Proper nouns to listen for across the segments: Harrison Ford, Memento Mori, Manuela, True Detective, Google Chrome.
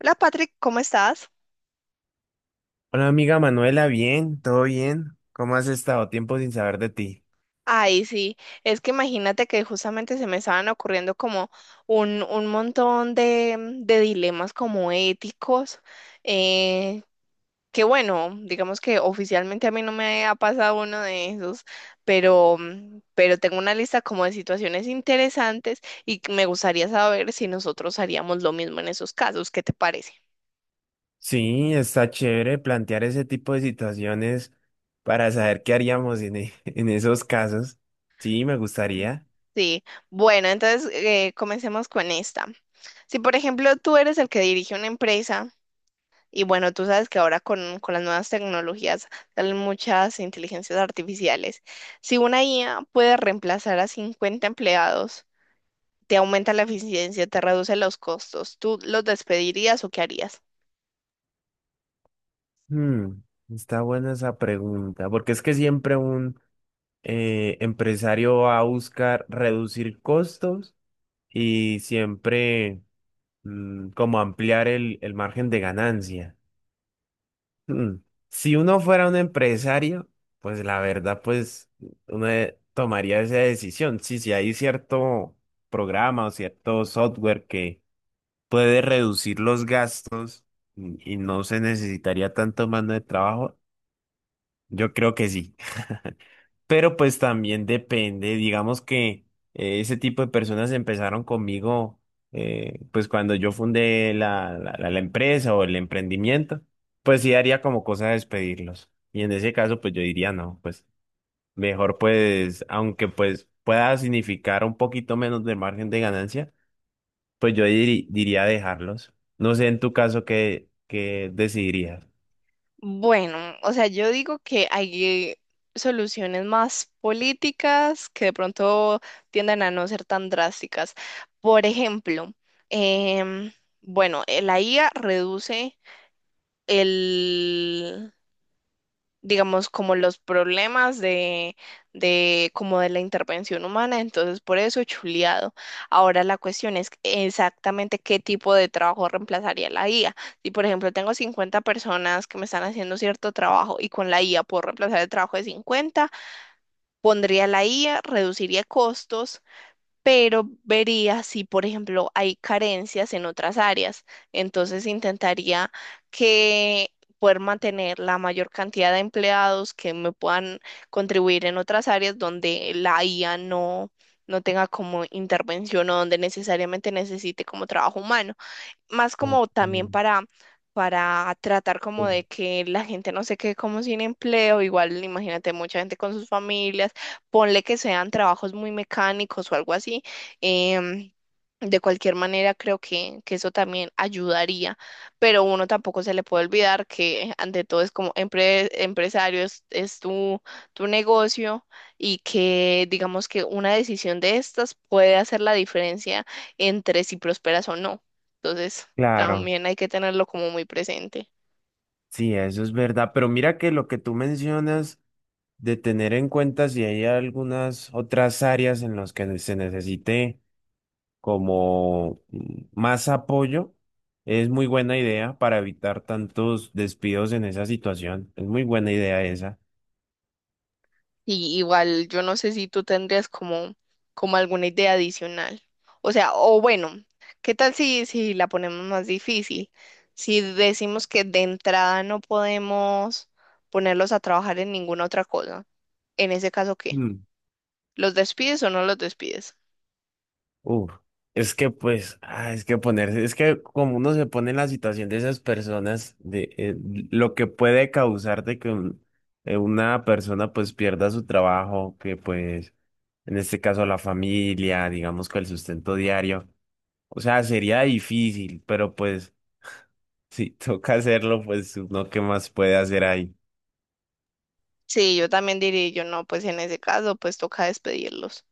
Hola Patrick, ¿cómo estás? Hola amiga Manuela, bien, todo bien. ¿Cómo has estado? Tiempo sin saber de ti. Ay, sí, es que imagínate que justamente se me estaban ocurriendo como un montón de, de dilemas como éticos, eh, que bueno, digamos que oficialmente a mí no me ha pasado uno de esos, pero, pero tengo una lista como de situaciones interesantes y que me gustaría saber si nosotros haríamos lo mismo en esos casos, ¿qué te parece? Sí, está chévere plantear ese tipo de situaciones para saber qué haríamos en, en esos casos. Sí, me gustaría. Sí, bueno, entonces comencemos con esta. Si, por ejemplo, tú eres el que dirige una empresa y bueno, tú sabes que ahora con las nuevas tecnologías salen muchas inteligencias artificiales. Si una IA puede reemplazar a 50 empleados, te aumenta la eficiencia, te reduce los costos, ¿tú los despedirías o qué harías? Hmm, está buena esa pregunta, porque es que siempre un empresario va a buscar reducir costos y siempre como ampliar el margen de ganancia. Hmm. Si uno fuera un empresario, pues la verdad, pues uno tomaría esa decisión. Sí, si hay cierto programa o cierto software que puede reducir los gastos y no se necesitaría tanto mano de trabajo, yo creo que sí. Pero pues también depende, digamos que ese tipo de personas empezaron conmigo pues cuando yo fundé la empresa o el emprendimiento, pues sí haría como cosa despedirlos. Y en ese caso pues yo diría no, pues mejor pues aunque pues pueda significar un poquito menos de margen de ganancia, pues yo diría dejarlos. No sé en tu caso qué, qué decidirías. Bueno, o sea, yo digo que hay soluciones más políticas que de pronto tienden a no ser tan drásticas. Por ejemplo, em, bueno, la IA reduce el, digamos, como los problemas de como de la intervención humana, entonces por eso chuleado. Ahora la cuestión es exactamente qué tipo de trabajo reemplazaría la IA. Si, por ejemplo, tengo 50 personas que me están haciendo cierto trabajo y con la IA puedo reemplazar el trabajo de 50, pondría la IA, reduciría costos, pero vería si, por ejemplo, hay carencias en otras áreas. Entonces intentaría que poder mantener la mayor cantidad de empleados que me puedan contribuir en otras áreas donde la IA no tenga como intervención o donde necesariamente necesite como trabajo humano, más Ok, como también para tratar como bueno. de que la gente no se quede como sin empleo, igual imagínate mucha gente con sus familias, ponle que sean trabajos muy mecánicos o algo así. em, de cualquier manera, creo que eso también ayudaría, pero uno tampoco se le puede olvidar que ante todo es como empresario, es tu, tu negocio y que digamos que una decisión de estas puede hacer la diferencia entre si prosperas o no. Entonces, Claro, también hay que tenerlo como muy presente. sí, eso es verdad, pero mira que lo que tú mencionas de tener en cuenta si hay algunas otras áreas en las que se necesite como más apoyo, es muy buena idea para evitar tantos despidos en esa situación. Es muy buena idea esa. Y igual, yo no sé si tú tendrías como, como alguna idea adicional. O sea, o bueno, ¿qué tal si la ponemos más difícil? Si decimos que de entrada no podemos ponerlos a trabajar en ninguna otra cosa. En ese caso, ¿qué? ¿Los despides o no los despides? Uf, es que pues, ah, es que ponerse, es que como uno se pone en la situación de esas personas, de lo que puede causar de que una persona pues pierda su trabajo, que pues en este caso la familia, digamos que el sustento diario, o sea, sería difícil, pero pues si toca hacerlo, pues uno qué más puede hacer ahí. Sí, yo también diría, yo no, pues en ese caso, pues toca despedirlos.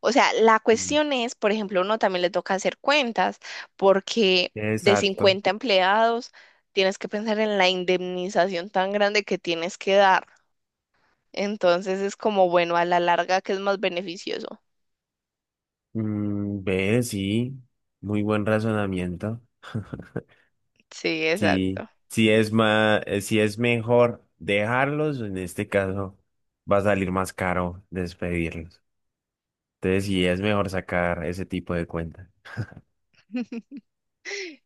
O sea, la Mm. cuestión es, por ejemplo, uno también le toca hacer cuentas, porque de Exacto. 50 empleados tienes que pensar en la indemnización tan grande que tienes que dar. Entonces es como, bueno, a la larga que es más beneficioso. Mm, ve, sí, muy buen razonamiento. Sí, Sí, exacto. sí es más, si es mejor dejarlos, en este caso va a salir más caro despedirlos. Entonces sí es mejor sacar ese tipo de cuentas.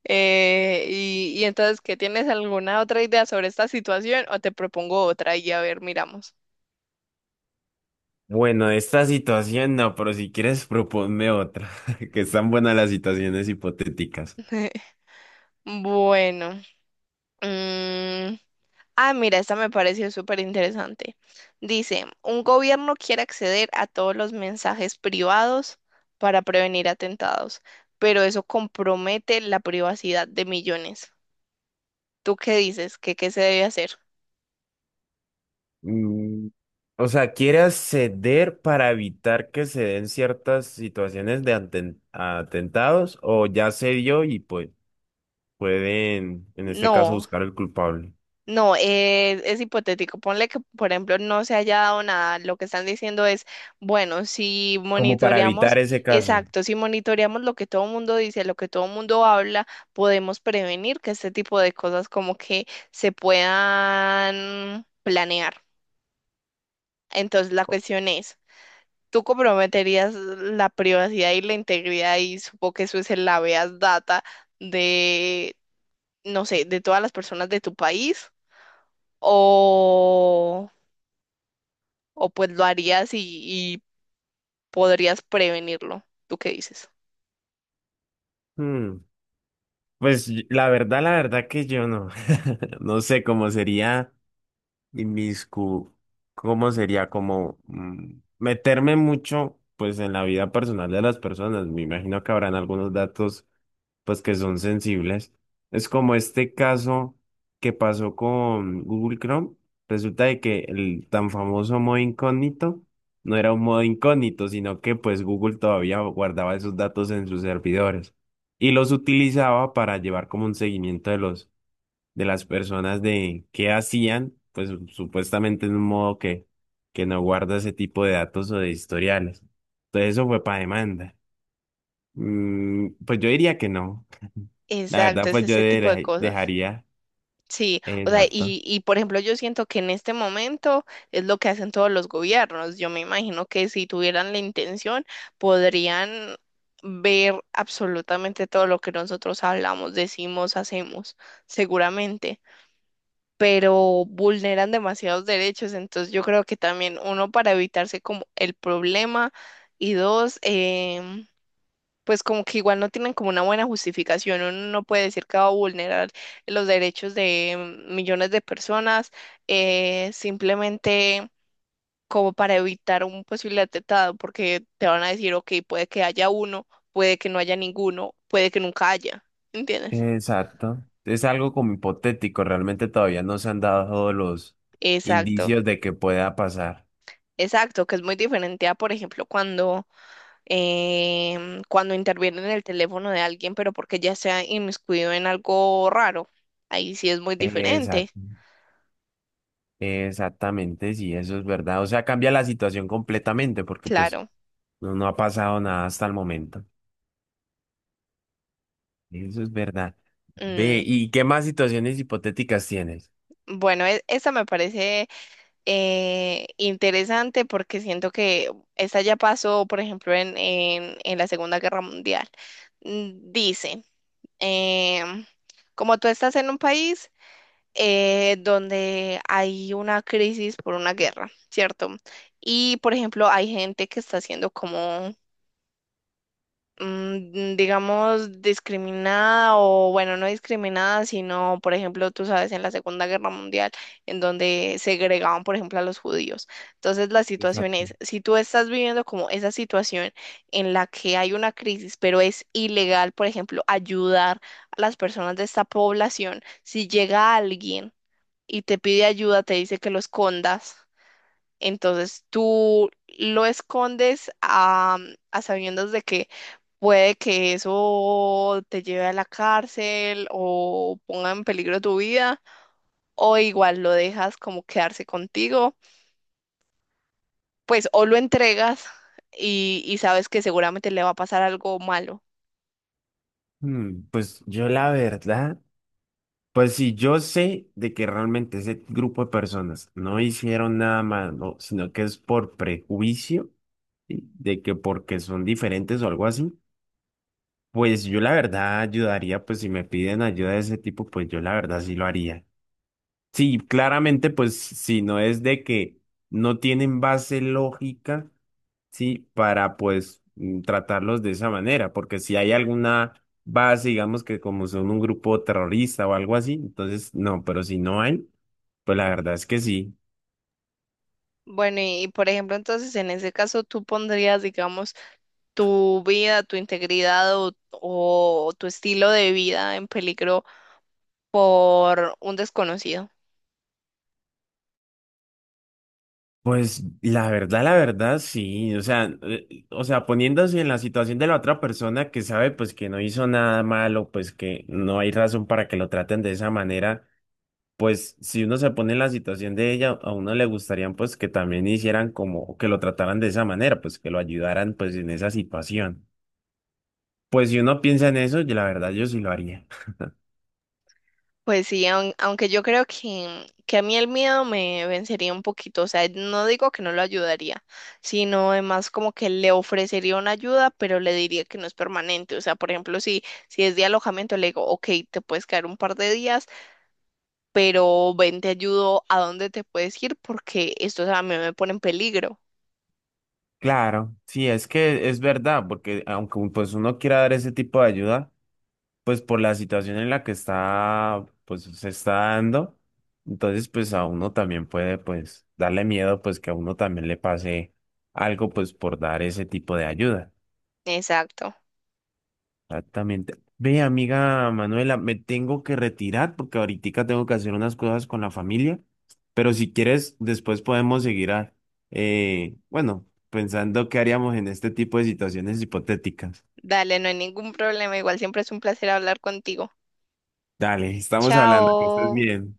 Y entonces, ¿qué tienes alguna otra idea sobre esta situación o te propongo otra y a ver, miramos? Bueno, de esta situación no, pero si quieres proponme otra, que están buenas las situaciones hipotéticas. Bueno. mm, Ah, mira, esta me pareció súper interesante. Dice, un gobierno quiere acceder a todos los mensajes privados para prevenir atentados, pero eso compromete la privacidad de millones. ¿Tú qué dices? ¿Qué, qué se debe hacer? Mm, o sea, ¿quieres ceder para evitar que se den ciertas situaciones de atentados o ya se dio y pues pueden, en este caso, No. buscar el culpable? No, es hipotético. Ponle que, por ejemplo, no se haya dado nada. Lo que están diciendo es, bueno, si Como para monitoreamos, evitar ese caso. exacto, si monitoreamos lo que todo el mundo dice, lo que todo el mundo habla, podemos prevenir que este tipo de cosas como que se puedan planear. Entonces, la cuestión es, ¿tú comprometerías la privacidad y la integridad? Y supongo que eso es el habeas data de, no sé, de todas las personas de tu país o... o pues lo harías y podrías prevenirlo. ¿Tú qué dices? Hmm, pues la verdad que yo no, no sé cómo sería. Inmiscu, ¿cómo sería? Como meterme mucho, pues, en la vida personal de las personas. Me imagino que habrán algunos datos, pues, que son sensibles. Es como este caso que pasó con Google Chrome. Resulta de que el tan famoso modo incógnito no era un modo incógnito, sino que, pues, Google todavía guardaba esos datos en sus servidores y los utilizaba para llevar como un seguimiento de los de las personas de qué hacían, pues supuestamente en un modo que no guarda ese tipo de datos o de historiales. Entonces eso fue para demanda. Mm, pues yo diría que no. La verdad, Exacto, es pues yo ese tipo de cosas. dejaría. Sí, o sea, Exacto. Y por ejemplo, yo siento que en este momento es lo que hacen todos los gobiernos. Yo me imagino que si tuvieran la intención, podrían ver absolutamente todo lo que nosotros hablamos, decimos, hacemos, seguramente, pero vulneran demasiados derechos. Entonces, yo creo que también uno para evitarse como el problema y dos, pues como que igual no tienen como una buena justificación. Uno no puede decir que va a vulnerar los derechos de millones de personas simplemente como para evitar un posible atentado, porque te van a decir, ok, puede que haya uno, puede que no haya ninguno, puede que nunca haya, ¿entiendes? Exacto. Es algo como hipotético. Realmente todavía no se han dado todos los Exacto. indicios de que pueda pasar. Exacto, que es muy diferente a, por ejemplo, cuando, cuando intervienen en el teléfono de alguien, pero porque ya se ha inmiscuido en algo raro. Ahí sí es muy diferente, Exacto. Exactamente, sí, eso es verdad. O sea, cambia la situación completamente porque pues claro. no, no ha pasado nada hasta el momento. Eso es verdad. Ve, Mm, ¿y qué más situaciones hipotéticas tienes? bueno, esta me parece interesante porque siento que esta ya pasó, por ejemplo, en, en la Segunda Guerra Mundial. Mm, dice, em, como tú estás en un país donde hay una crisis por una guerra, ¿cierto? Y, por ejemplo, hay gente que está haciendo como digamos, discriminada o, bueno, no discriminada, sino, por ejemplo, tú sabes, en la Segunda Guerra Mundial, en donde segregaban, por ejemplo, a los judíos. Entonces, la situación Exacto. es, si tú estás viviendo como esa situación en la que hay una crisis, pero es ilegal, por ejemplo, ayudar a las personas de esta población, si llega alguien y te pide ayuda, te dice que lo escondas. Entonces tú lo escondes a sabiendas de que puede que eso te lleve a la cárcel o ponga en peligro tu vida, o igual lo dejas como quedarse contigo, pues o lo entregas y sabes que seguramente le va a pasar algo malo. Mm, pues yo la verdad, pues si yo sé de que realmente ese grupo de personas no hicieron nada malo, sino que es por prejuicio, ¿sí? De que porque son diferentes o algo así, pues yo la verdad ayudaría, pues si me piden ayuda de ese tipo, pues yo la verdad sí lo haría. Sí, claramente, pues si no es de que no tienen base lógica, sí, para pues tratarlos de esa manera, porque si hay alguna base, digamos que como son un grupo terrorista o algo así, entonces no, pero si no hay, pues la verdad es que sí. Bueno, y por ejemplo, entonces en ese caso tú pondrías, digamos, tu vida, tu integridad o tu estilo de vida en peligro por un desconocido. Pues la verdad, sí, o sea, poniéndose en la situación de la otra persona que sabe pues que no hizo nada malo, pues que no hay razón para que lo traten de esa manera, pues si uno se pone en la situación de ella, a uno le gustarían pues que también hicieran como, que lo trataran de esa manera, pues que lo ayudaran pues en esa situación. Pues si uno piensa en eso, yo, la verdad yo sí lo haría. Pues sí, aunque yo creo que a mí el miedo me vencería un poquito, o sea, no digo que no lo ayudaría, sino además como que le ofrecería una ayuda, pero le diría que no es permanente, o sea, por ejemplo, si, si es de alojamiento, le digo, ok, te puedes quedar un par de días, pero ven, te ayudo a dónde te puedes ir porque esto, o sea, a mí me pone en peligro. Claro, sí, es que es verdad, porque aunque pues uno quiera dar ese tipo de ayuda, pues por la situación en la que está, pues se está dando, entonces pues a uno también puede pues darle miedo pues que a uno también le pase algo pues por dar ese tipo de ayuda. Exacto. Exactamente. Ve, amiga Manuela, me tengo que retirar porque ahorita tengo que hacer unas cosas con la familia, pero si quieres, después podemos seguir a, bueno, pensando qué haríamos en este tipo de situaciones hipotéticas. Dale, no hay ningún problema, igual siempre es un placer hablar contigo. Dale, estamos hablando, que estés Chao. bien.